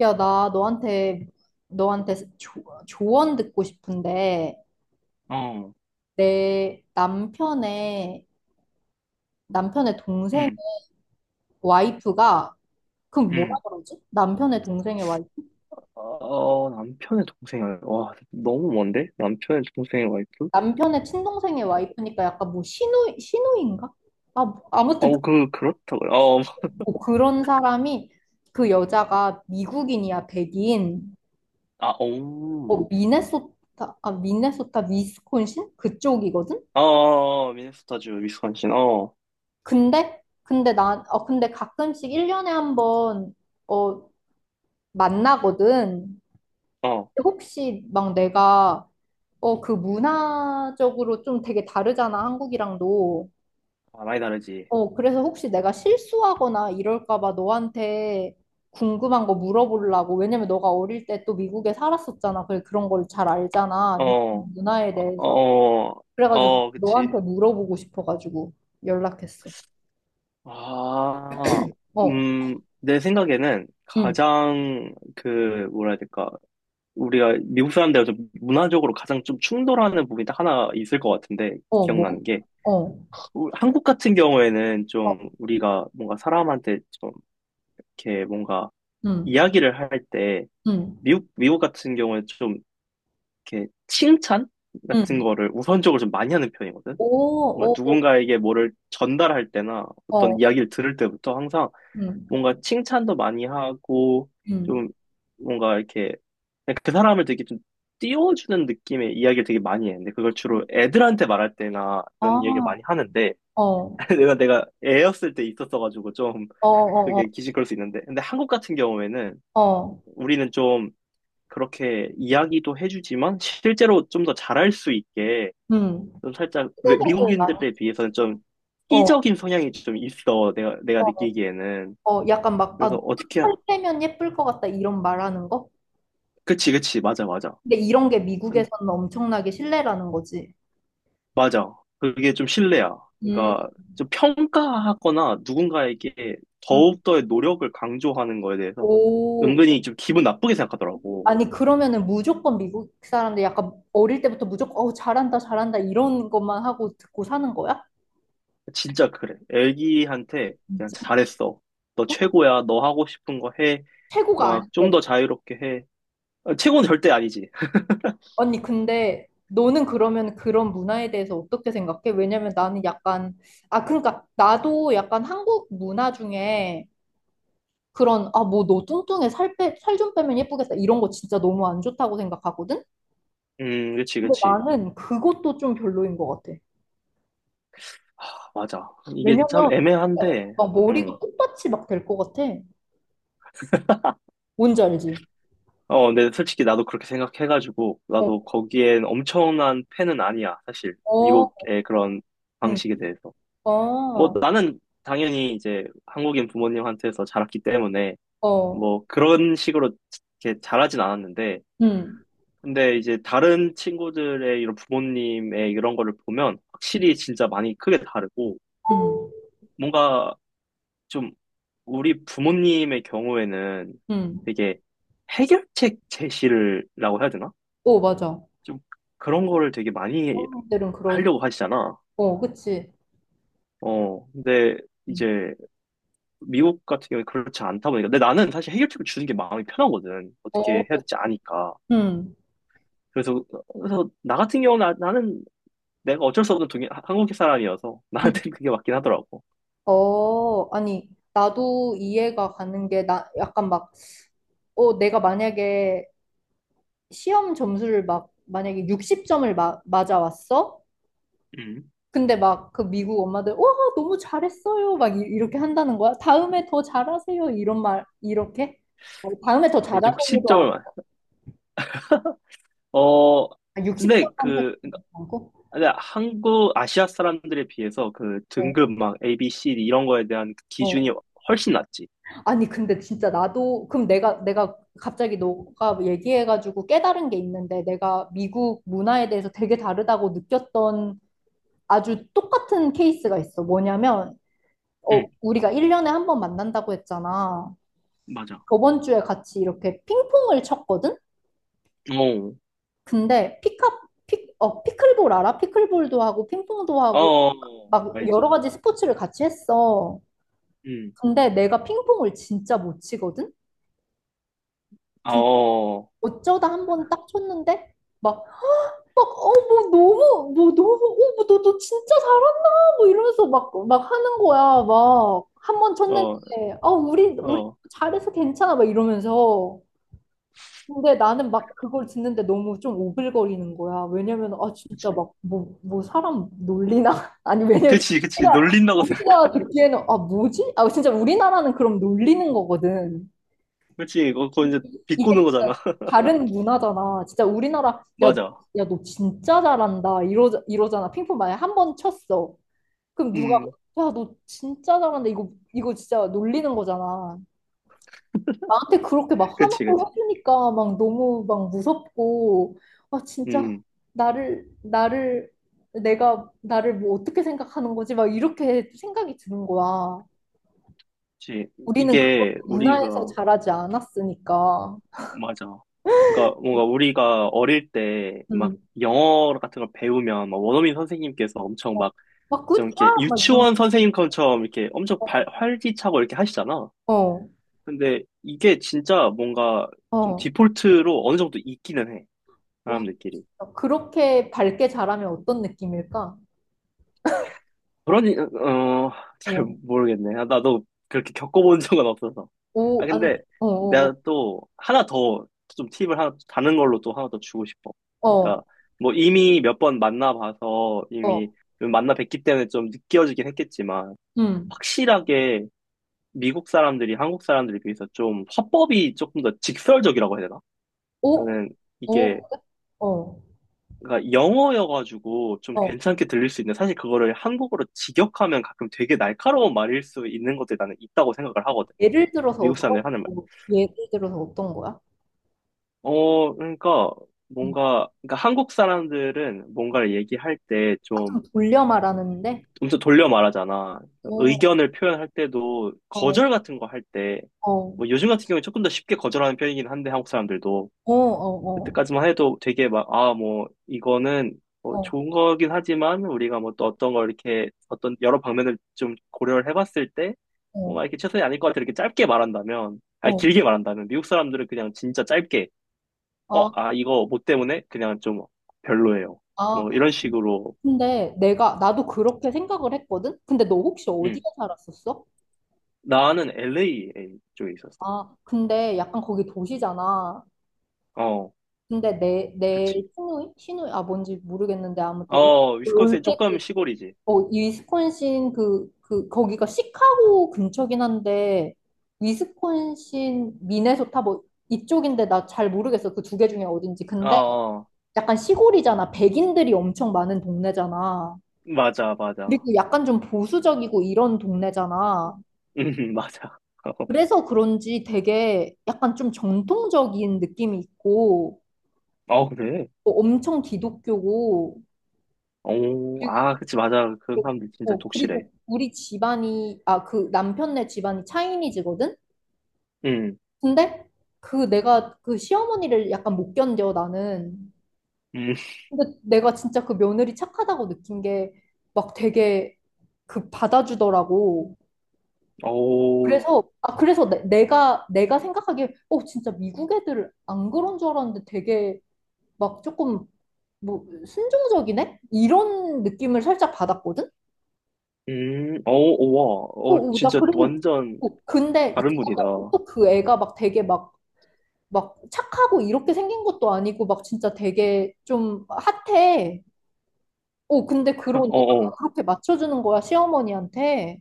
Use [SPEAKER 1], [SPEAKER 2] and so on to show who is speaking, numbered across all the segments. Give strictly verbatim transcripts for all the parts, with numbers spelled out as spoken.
[SPEAKER 1] 야, 나 너한테, 너한테 조, 조언 듣고 싶은데,
[SPEAKER 2] 어,
[SPEAKER 1] 내 남편의, 남편의 동생
[SPEAKER 2] 음,
[SPEAKER 1] 와이프가, 그럼 뭐라
[SPEAKER 2] 음.
[SPEAKER 1] 그러지? 남편의 동생의 와이프?
[SPEAKER 2] 어, 남편의 동생이, 와 너무 먼데? 남편의 동생의 와이프?
[SPEAKER 1] 남편의 친동생의 와이프니까 약간 뭐 신우, 시누인가 아, 뭐, 아무튼 그-
[SPEAKER 2] 어, 그, 그렇다고요. 어,
[SPEAKER 1] 뭐 그런 사람이 그 여자가 미국인이야, 백인.
[SPEAKER 2] 아, 오.
[SPEAKER 1] 어, 미네소타, 아, 미네소타, 위스콘신? 그쪽이거든?
[SPEAKER 2] 어, 어, 미네소타주, 위스콘신, 어,
[SPEAKER 1] 근데 근데 나 어 근데 가끔씩 일 년에 한 번 어 만나거든.
[SPEAKER 2] 어,
[SPEAKER 1] 혹시 막 내가 어 그 문화적으로 좀 되게 다르잖아, 한국이랑도.
[SPEAKER 2] 아, 많이 다르지.
[SPEAKER 1] 어 그래서 혹시 내가 실수하거나 이럴까 봐 너한테 궁금한 거 물어보려고. 왜냐면 너가 어릴 때 또 미국에 살았었잖아. 그래 그런 걸 잘 알잖아,
[SPEAKER 2] 어,
[SPEAKER 1] 미국
[SPEAKER 2] 어,
[SPEAKER 1] 문화에 대해서.
[SPEAKER 2] 어,
[SPEAKER 1] 그래가지고
[SPEAKER 2] 어, 그치.
[SPEAKER 1] 너한테 물어보고 싶어가지고 연락했어.
[SPEAKER 2] 아,
[SPEAKER 1] 어.
[SPEAKER 2] 음, 내 생각에는
[SPEAKER 1] 응.
[SPEAKER 2] 가장, 그, 뭐라 해야 될까. 우리가 미국 사람들하고 좀 문화적으로 가장 좀 충돌하는 부분이 딱 하나 있을 것 같은데,
[SPEAKER 1] 어, 뭐?
[SPEAKER 2] 기억나는 게.
[SPEAKER 1] 어.
[SPEAKER 2] 우- 한국 같은 경우에는
[SPEAKER 1] 어.
[SPEAKER 2] 좀 우리가 뭔가 사람한테 좀 이렇게 뭔가
[SPEAKER 1] 응,
[SPEAKER 2] 이야기를 할 때
[SPEAKER 1] 응,
[SPEAKER 2] 미국 미국 같은 경우에 좀 이렇게 칭찬 같은
[SPEAKER 1] 응.
[SPEAKER 2] 거를 우선적으로 좀 많이 하는 편이거든.
[SPEAKER 1] 오,
[SPEAKER 2] 뭔가
[SPEAKER 1] 오,
[SPEAKER 2] 누군가에게 뭐를 전달할 때나
[SPEAKER 1] 오,
[SPEAKER 2] 어떤
[SPEAKER 1] 어,
[SPEAKER 2] 이야기를 들을 때부터 항상
[SPEAKER 1] 응,
[SPEAKER 2] 뭔가 칭찬도 많이 하고
[SPEAKER 1] 응.
[SPEAKER 2] 좀 뭔가 이렇게 그 사람을 되게 좀 띄워주는 느낌의 이야기를 되게 많이 했는데 그걸 주로 애들한테 말할 때나
[SPEAKER 1] 아,
[SPEAKER 2] 이런 이야기를 많이 하는데
[SPEAKER 1] 어, 어,
[SPEAKER 2] 내가 내가 애였을 때 있었어가지고 좀
[SPEAKER 1] 어,
[SPEAKER 2] 그게 기시걸 수 있는데 근데 한국 같은 경우에는
[SPEAKER 1] 어, 어.
[SPEAKER 2] 우리는 좀 그렇게 이야기도 해주지만 실제로 좀 더 잘할 수 있게
[SPEAKER 1] 응.
[SPEAKER 2] 좀 살짝 외-
[SPEAKER 1] 피드백을 많이,
[SPEAKER 2] 미국인들에 비해서는 좀
[SPEAKER 1] 어,
[SPEAKER 2] 희적인 성향이 좀 있어 내가 내가
[SPEAKER 1] 어,
[SPEAKER 2] 느끼기에는.
[SPEAKER 1] 어, 약간 막,
[SPEAKER 2] 그래서
[SPEAKER 1] 아,
[SPEAKER 2] 어떻게 하-
[SPEAKER 1] 할 때면 예쁠 것 같다, 이런 말하는 거?
[SPEAKER 2] 그치, 그치, 맞아, 맞아.
[SPEAKER 1] 근데 이런 게
[SPEAKER 2] 음,
[SPEAKER 1] 미국에서는 엄청나게 신뢰라는 거지.
[SPEAKER 2] 맞아. 그게 좀 신뢰야.
[SPEAKER 1] 음,
[SPEAKER 2] 그러니까 좀 평가하거나 누군가에게
[SPEAKER 1] 음,
[SPEAKER 2] 더욱더의 노력을 강조하는 거에 대해서
[SPEAKER 1] 오,
[SPEAKER 2] 은근히 좀 기분 나쁘게 생각하더라고.
[SPEAKER 1] 아니, 그러면은 무조건 미국 사람들 약간 어릴 때부터 무조건, 어, 잘한다, 잘한다, 이런 것만 하고 듣고 사는 거야?
[SPEAKER 2] 진짜 그래. 애기한테 그냥
[SPEAKER 1] 진짜.
[SPEAKER 2] 잘했어. 너 최고야. 너 하고 싶은 거 해.
[SPEAKER 1] 최고가
[SPEAKER 2] 막 좀
[SPEAKER 1] 아닌데.
[SPEAKER 2] 더 자유롭게 해. 아, 최고는 절대 아니지.
[SPEAKER 1] 언니, 근데 너는 그러면 그런 문화에 대해서 어떻게 생각해? 왜냐면 나는 약간, 아, 그러니까 나도 약간 한국 문화 중에 그런, 아, 뭐 너 뚱뚱해 살 빼, 살 좀 빼면 예쁘겠다, 이런 거 진짜 너무 안 좋다고 생각하거든?
[SPEAKER 2] 음, 그치,
[SPEAKER 1] 근데
[SPEAKER 2] 그치.
[SPEAKER 1] 나는 그것도 좀 별로인 것 같아.
[SPEAKER 2] 아, 맞아. 이게
[SPEAKER 1] 왜냐면
[SPEAKER 2] 참
[SPEAKER 1] 어,
[SPEAKER 2] 애매한데,
[SPEAKER 1] 막
[SPEAKER 2] 음.
[SPEAKER 1] 머리가 꽃밭이 막 될 것 같아. 뭔지 알지?
[SPEAKER 2] 어, 근데 솔직히 나도 그렇게 생각해가지고,
[SPEAKER 1] 어,
[SPEAKER 2] 나도 거기엔 엄청난 팬은 아니야, 사실.
[SPEAKER 1] 어,
[SPEAKER 2] 미국의 그런
[SPEAKER 1] 응,
[SPEAKER 2] 방식에 대해서. 뭐,
[SPEAKER 1] 어,
[SPEAKER 2] 나는 당연히 이제 한국인 부모님한테서 자랐기 때문에,
[SPEAKER 1] 어,
[SPEAKER 2] 뭐, 그런 식으로 이렇게 자라진 않았는데,
[SPEAKER 1] 응,
[SPEAKER 2] 근데 이제 다른 친구들의 이런 부모님의 이런 거를 보면
[SPEAKER 1] 응,
[SPEAKER 2] 확실히 진짜 많이 크게 다르고
[SPEAKER 1] 응.
[SPEAKER 2] 뭔가 좀 우리 부모님의 경우에는
[SPEAKER 1] 응.
[SPEAKER 2] 되게 해결책 제시를 라고 해야 되나?
[SPEAKER 1] 어, 맞아.
[SPEAKER 2] 좀 그런 거를 되게 많이
[SPEAKER 1] 어른들은 그러,
[SPEAKER 2] 하려고 하시잖아.
[SPEAKER 1] 어, 그치.
[SPEAKER 2] 어, 근데 이제 미국 같은 경우에 그렇지 않다 보니까. 근데 나는 사실 해결책을 주는 게 마음이 편하거든.
[SPEAKER 1] 어,
[SPEAKER 2] 어떻게 해야 될지 아니까.
[SPEAKER 1] 음,
[SPEAKER 2] 그래서, 그래서 나 같은 경우는 나- 나는 내가 어쩔 수 없는 동양, 하- 한국 사람이어서
[SPEAKER 1] 음.
[SPEAKER 2] 나한테는 그게 맞긴 하더라고.
[SPEAKER 1] 어, 아니, 나도 이해가 가는 게, 나, 약간 막, 어, 내가 만약에 시험 점수를 막, 만약에 육십 점을 마, 맞아왔어?
[SPEAKER 2] 음.
[SPEAKER 1] 근데 막, 그 미국 엄마들, 와, 너무 잘했어요, 막, 이, 이렇게 한다는 거야. 다음에 더 잘하세요. 이런 말, 이렇게? 어, 다음에 더
[SPEAKER 2] 아,
[SPEAKER 1] 잘하세요도
[SPEAKER 2] 육십 점을 맞. 어,
[SPEAKER 1] 안,
[SPEAKER 2] 근데
[SPEAKER 1] 육십 점한테
[SPEAKER 2] 그,
[SPEAKER 1] 안 하고?
[SPEAKER 2] 근데 한국, 아시아 사람들에 비해서 그
[SPEAKER 1] 어,
[SPEAKER 2] 등급 막 A, B, C D 이런 거에 대한
[SPEAKER 1] 어.
[SPEAKER 2] 기준이 훨씬 낮지.
[SPEAKER 1] 아니, 근데 진짜 나도, 그럼 내가, 내가 갑자기 너가 얘기해가지고 깨달은 게 있는데, 내가 미국 문화에 대해서 되게 다르다고 느꼈던 아주 똑같은 케이스가 있어. 뭐냐면, 어,
[SPEAKER 2] 음.
[SPEAKER 1] 우리가 일 년에 한 번 만난다고 했잖아.
[SPEAKER 2] 맞아.
[SPEAKER 1] 저번 주에 같이 이렇게 핑퐁을 쳤거든?
[SPEAKER 2] 어,
[SPEAKER 1] 근데 피카, 피, 어, 피클볼 알아? 피클볼도 하고, 핑퐁도 하고,
[SPEAKER 2] 어,
[SPEAKER 1] 막
[SPEAKER 2] 알지.
[SPEAKER 1] 여러 가지 스포츠를 같이 했어.
[SPEAKER 2] 음.
[SPEAKER 1] 근데 내가 핑퐁을 진짜 못 치거든?
[SPEAKER 2] 어,
[SPEAKER 1] 근
[SPEAKER 2] 어,
[SPEAKER 1] 어쩌다 한 번 딱 쳤는데, 막 막, 어, 뭐, 너무, 뭐, 너무, 어, 뭐, 너, 너 진짜 잘한다, 뭐, 이러면서 막, 막 하는 거야, 막. 한 번 쳤는데, 어, 우리, 우리
[SPEAKER 2] 어.
[SPEAKER 1] 잘해서 괜찮아, 막 이러면서. 근데 나는 막 그걸 듣는데 너무 좀 오글거리는 거야. 왜냐면, 아, 진짜
[SPEAKER 2] 그치.
[SPEAKER 1] 막, 뭐, 뭐, 사람 놀리나? 아니, 왜냐면,
[SPEAKER 2] 그치, 그치.
[SPEAKER 1] 우리가,
[SPEAKER 2] 놀린다고 생각해.
[SPEAKER 1] 우리가 듣기에는, 아, 뭐지? 아, 진짜 우리나라는 그럼 놀리는 거거든.
[SPEAKER 2] 그치, 그거, 그거 이제 비꼬는
[SPEAKER 1] 이게 진짜
[SPEAKER 2] 거잖아.
[SPEAKER 1] 다른 문화잖아. 진짜 우리나라 야,
[SPEAKER 2] 맞아.
[SPEAKER 1] 야, 너 진짜 잘한다, 이러 이러잖아. 핑퐁 만약에 한 번 쳤어. 그럼 누가
[SPEAKER 2] 음.
[SPEAKER 1] 야, 너 진짜 잘한다. 이거 이거 진짜 놀리는 거잖아. 나한테 그렇게 막
[SPEAKER 2] 그치, 그치.
[SPEAKER 1] 화나고 해주니까 막 너무 막 무섭고 아 진짜
[SPEAKER 2] 음,
[SPEAKER 1] 나를 나를 내가 나를 뭐 어떻게 생각하는 거지? 막 이렇게 생각이 드는 거야.
[SPEAKER 2] 그치.
[SPEAKER 1] 우리는 그걸
[SPEAKER 2] 이게 우리가
[SPEAKER 1] 문화에서 자라지 않았으니까.
[SPEAKER 2] 맞아. 그러니까 뭔가 우리가 어릴 때 막
[SPEAKER 1] 음.
[SPEAKER 2] 영어 같은 걸 배우면 막 원어민 선생님께서 엄청
[SPEAKER 1] 어,
[SPEAKER 2] 막
[SPEAKER 1] 막
[SPEAKER 2] 좀
[SPEAKER 1] 굿샷
[SPEAKER 2] 이렇게
[SPEAKER 1] 막 이런
[SPEAKER 2] 유치원 선생님처럼 이렇게 엄청 발,
[SPEAKER 1] 거.
[SPEAKER 2] 활기차고 이렇게 하시잖아.
[SPEAKER 1] 어,
[SPEAKER 2] 근데 이게 진짜 뭔가 좀
[SPEAKER 1] 어.
[SPEAKER 2] 디폴트로 어느 정도 있기는 해.
[SPEAKER 1] 와,
[SPEAKER 2] 사람들끼리.
[SPEAKER 1] 그렇게 밝게 자라면 어떤 느낌일까?
[SPEAKER 2] 그러니 어 잘
[SPEAKER 1] 어,
[SPEAKER 2] 모르겠네. 아, 나도 그렇게 겪어본 적은 없어서. 아
[SPEAKER 1] 오, 아니,
[SPEAKER 2] 근데
[SPEAKER 1] 어, 어,
[SPEAKER 2] 내가 또 하나 더 좀 팁을 하나 다른 걸로 또 하나 더 주고 싶어.
[SPEAKER 1] 어,
[SPEAKER 2] 그러니까 뭐 이미 몇 번 만나봐서
[SPEAKER 1] 어, 어,
[SPEAKER 2] 이미 만나 뵙기 때문에 좀 느껴지긴 했겠지만
[SPEAKER 1] 음,
[SPEAKER 2] 확실하게 미국 사람들이 한국 사람들에 비해서 좀 화법이 조금 더 직설적이라고 해야 되나?
[SPEAKER 1] 오,
[SPEAKER 2] 나는 이게
[SPEAKER 1] 오, 어,
[SPEAKER 2] 그러니까 영어여가지고 좀
[SPEAKER 1] 어.
[SPEAKER 2] 괜찮게 들릴 수 있는데 사실 그거를 한국어로 직역하면 가끔 되게 날카로운 말일 수 있는 것들이 나는 있다고 생각을 하거든.
[SPEAKER 1] 예를 들어서
[SPEAKER 2] 미국
[SPEAKER 1] 어떤,
[SPEAKER 2] 사람들이 하는 말.
[SPEAKER 1] 뭐, 예를 들어서 어떤 거야?
[SPEAKER 2] 어, 그러니까
[SPEAKER 1] 음.
[SPEAKER 2] 뭔가, 그러니까 한국 사람들은 뭔가를 얘기할 때
[SPEAKER 1] 아, 좀
[SPEAKER 2] 좀
[SPEAKER 1] 돌려 말하는데?
[SPEAKER 2] 엄청 돌려 말하잖아.
[SPEAKER 1] 어,
[SPEAKER 2] 의견을 표현할 때도
[SPEAKER 1] 어,
[SPEAKER 2] 거절 같은 거 할 때,
[SPEAKER 1] 어,
[SPEAKER 2] 뭐 요즘 같은 경우에 조금 더 쉽게 거절하는 편이긴 한데 한국 사람들도
[SPEAKER 1] 어, 어, 어,
[SPEAKER 2] 그때까지만 해도 되게 막, 아, 뭐, 이거는 뭐
[SPEAKER 1] 어,
[SPEAKER 2] 좋은 거긴 하지만 우리가 뭐 또 어떤 걸 이렇게 어떤 여러 방면을 좀 고려를 해봤을 때
[SPEAKER 1] 어,
[SPEAKER 2] 뭔가 이렇게 최선이 아닐 것 같아. 이렇게 짧게 말한다면, 아니,
[SPEAKER 1] 어.
[SPEAKER 2] 길게 말한다면 미국 사람들은 그냥 진짜 짧게, 어,
[SPEAKER 1] 아,
[SPEAKER 2] 아, 이거 뭐 때문에 그냥 좀 별로예요.
[SPEAKER 1] 아.
[SPEAKER 2] 뭐 이런 식으로.
[SPEAKER 1] 근데 내가, 나도 그렇게 생각을 했거든? 근데 너 혹시 어디에
[SPEAKER 2] 응.
[SPEAKER 1] 살았었어?
[SPEAKER 2] 나는 엘에이 쪽에 있었어.
[SPEAKER 1] 아, 근데 약간 거기 도시잖아.
[SPEAKER 2] 어,
[SPEAKER 1] 근데 내, 내,
[SPEAKER 2] 그치.
[SPEAKER 1] 시누이? 시누이? 아, 뭔지 모르겠는데, 아무튼,
[SPEAKER 2] 어, 위스콘신 조금
[SPEAKER 1] 올테키,
[SPEAKER 2] 시골이지.
[SPEAKER 1] 어, 위스콘신 그, 그, 거기가 시카고 근처긴 한데, 위스콘신, 미네소타 뭐, 이쪽인데 나 잘 모르겠어, 그 두 개 중에 어딘지.
[SPEAKER 2] 어,
[SPEAKER 1] 근데
[SPEAKER 2] 어.
[SPEAKER 1] 약간 시골이잖아. 백인들이 엄청 많은 동네잖아.
[SPEAKER 2] 맞아, 맞아.
[SPEAKER 1] 그리고 약간 좀 보수적이고 이런 동네잖아.
[SPEAKER 2] 음, 맞아.
[SPEAKER 1] 그래서 그런지 되게 약간 좀 전통적인 느낌이 있고,
[SPEAKER 2] 어, 그래.
[SPEAKER 1] 어, 엄청 기독교고
[SPEAKER 2] 오,
[SPEAKER 1] 그리고
[SPEAKER 2] 아, 그치, 맞아. 그런
[SPEAKER 1] 또-
[SPEAKER 2] 사람들 진짜
[SPEAKER 1] 어,
[SPEAKER 2] 독실해.
[SPEAKER 1] 그리고 우리 집안이 아 그 남편네 집안이 차이니즈거든.
[SPEAKER 2] 응,
[SPEAKER 1] 근데 그 내가 그 시어머니를 약간 못 견뎌 나는.
[SPEAKER 2] 음,
[SPEAKER 1] 근데 내가 진짜 그 며느리 착하다고 느낀 게 막 되게 그 받아주더라고.
[SPEAKER 2] 오,
[SPEAKER 1] 그래서 아 그래서 내, 내가 내가 생각하기에 어 진짜 미국 애들 안 그런 줄 알았는데 되게 막 조금 뭐 순종적이네? 이런 느낌을 살짝 받았거든.
[SPEAKER 2] 음, 오,
[SPEAKER 1] 어,
[SPEAKER 2] 오, 와, 어,
[SPEAKER 1] 어, 나
[SPEAKER 2] 진짜
[SPEAKER 1] 그리고
[SPEAKER 2] 완전
[SPEAKER 1] 어, 근데
[SPEAKER 2] 다른 분이다.
[SPEAKER 1] 또그 애가 막 되게 막 막 착하고 이렇게 생긴 것도 아니고 막 진짜 되게 좀 핫해. 어, 근데 그런
[SPEAKER 2] 어, 어,
[SPEAKER 1] 애가 그렇게 맞춰주는 거야, 시어머니한테.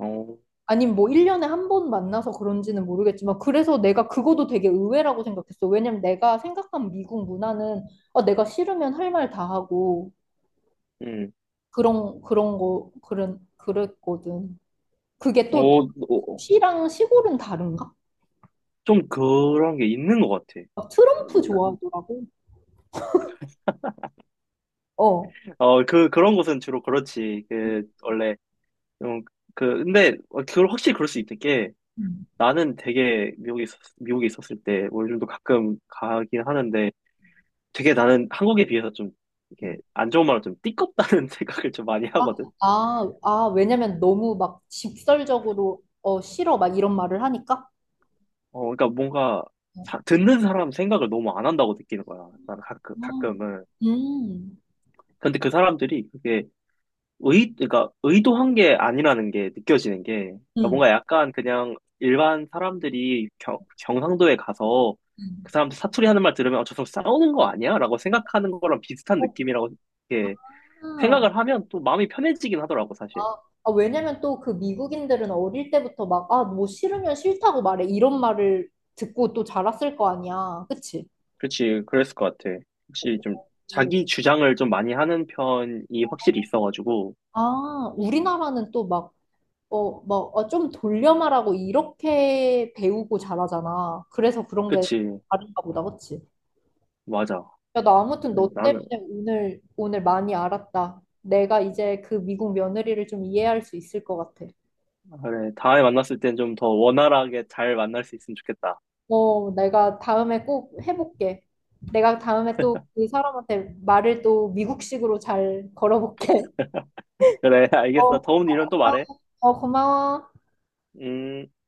[SPEAKER 2] 응. 어,
[SPEAKER 1] 아님 뭐 일 년에 한 번 만나서 그런지는 모르겠지만, 그래서 내가 그거도 되게 의외라고 생각했어. 왜냐면 내가 생각한 미국 문화는 어, 내가 싫으면 할 말 다 하고
[SPEAKER 2] 음,
[SPEAKER 1] 그런 그런 거 그런 그랬거든. 그게 또
[SPEAKER 2] 어, 어,
[SPEAKER 1] 시랑 시골은 다른가?
[SPEAKER 2] 좀 그런 게 있는 것 같아.
[SPEAKER 1] 어, 트럼프 좋아하더라고. 어.
[SPEAKER 2] 어, 그, 그런 곳은 주로 그렇지. 그, 원래, 좀, 그, 근데, 어, 그걸 확실히 그럴 수 있는 게,
[SPEAKER 1] 음.
[SPEAKER 2] 나는 되게 미국에 있었, 미국에 있었을 때, 뭐 요즘도 가끔 가긴 하는데, 되게 나는 한국에 비해서 좀 이렇게
[SPEAKER 1] 음.
[SPEAKER 2] 안 좋은 말로 좀 띠껍다는 생각을 좀 많이
[SPEAKER 1] 아,
[SPEAKER 2] 하거든.
[SPEAKER 1] 아, 아, 왜냐면 너무 막 직설적으로 어, 싫어 막 이런 말을 하니까.
[SPEAKER 2] 어, 그러니까 뭔가
[SPEAKER 1] 어.
[SPEAKER 2] 사- 듣는 사람 생각을 너무 안 한다고 느끼는 거야. 나는 가끔,
[SPEAKER 1] 음,
[SPEAKER 2] 가끔은.
[SPEAKER 1] 음,
[SPEAKER 2] 근데 그 사람들이 그게 의, 그러니까 의도한 게 아니라는 게 느껴지는 게, 그러니까
[SPEAKER 1] 음.
[SPEAKER 2] 뭔가 약간 그냥 일반 사람들이 경, 경상도에 가서
[SPEAKER 1] 음.
[SPEAKER 2] 그 사람들 사투리 하는 말 들으면, 어, 저 사람 싸우는 거 아니야? 라고 생각하는 거랑 비슷한 느낌이라고 이렇게
[SPEAKER 1] 그렇구나.
[SPEAKER 2] 생각을 하면 또 마음이 편해지긴 하더라고, 사실.
[SPEAKER 1] 아, 아, 왜냐면 또 그 미국인들은 어릴 때부터 막, 아, 뭐 싫으면 싫다고 말해, 이런 말을 듣고 또 자랐을 거 아니야, 그치?
[SPEAKER 2] 그렇지, 그랬을 것 같아. 혹시 좀
[SPEAKER 1] 오.
[SPEAKER 2] 자기 주장을 좀 많이 하는 편이 확실히 있어가지고,
[SPEAKER 1] 아, 우리나라는 또 막, 어, 막, 아, 좀 돌려 말하고 이렇게 배우고 잘하잖아. 그래서 그런 게
[SPEAKER 2] 그치,
[SPEAKER 1] 다른가 보다, 그치?
[SPEAKER 2] 맞아.
[SPEAKER 1] 야, 나 아무튼
[SPEAKER 2] 아니,
[SPEAKER 1] 너
[SPEAKER 2] 나는,
[SPEAKER 1] 때문에 오늘, 오늘 많이 알았다. 내가 이제 그 미국 며느리를 좀 이해할 수 있을 것 같아.
[SPEAKER 2] 그래, 다음에 만났을 땐 좀 더 원활하게 잘 만날 수 있으면 좋겠다.
[SPEAKER 1] 어, 내가 다음에 꼭 해볼게. 내가 다음에 또 그 사람한테 말을 또 미국식으로 잘 걸어볼게.
[SPEAKER 2] 그래,
[SPEAKER 1] 어,
[SPEAKER 2] 알겠어. 더운
[SPEAKER 1] 고마워.
[SPEAKER 2] 일은 또 말해.
[SPEAKER 1] 어, 고마워.
[SPEAKER 2] 음.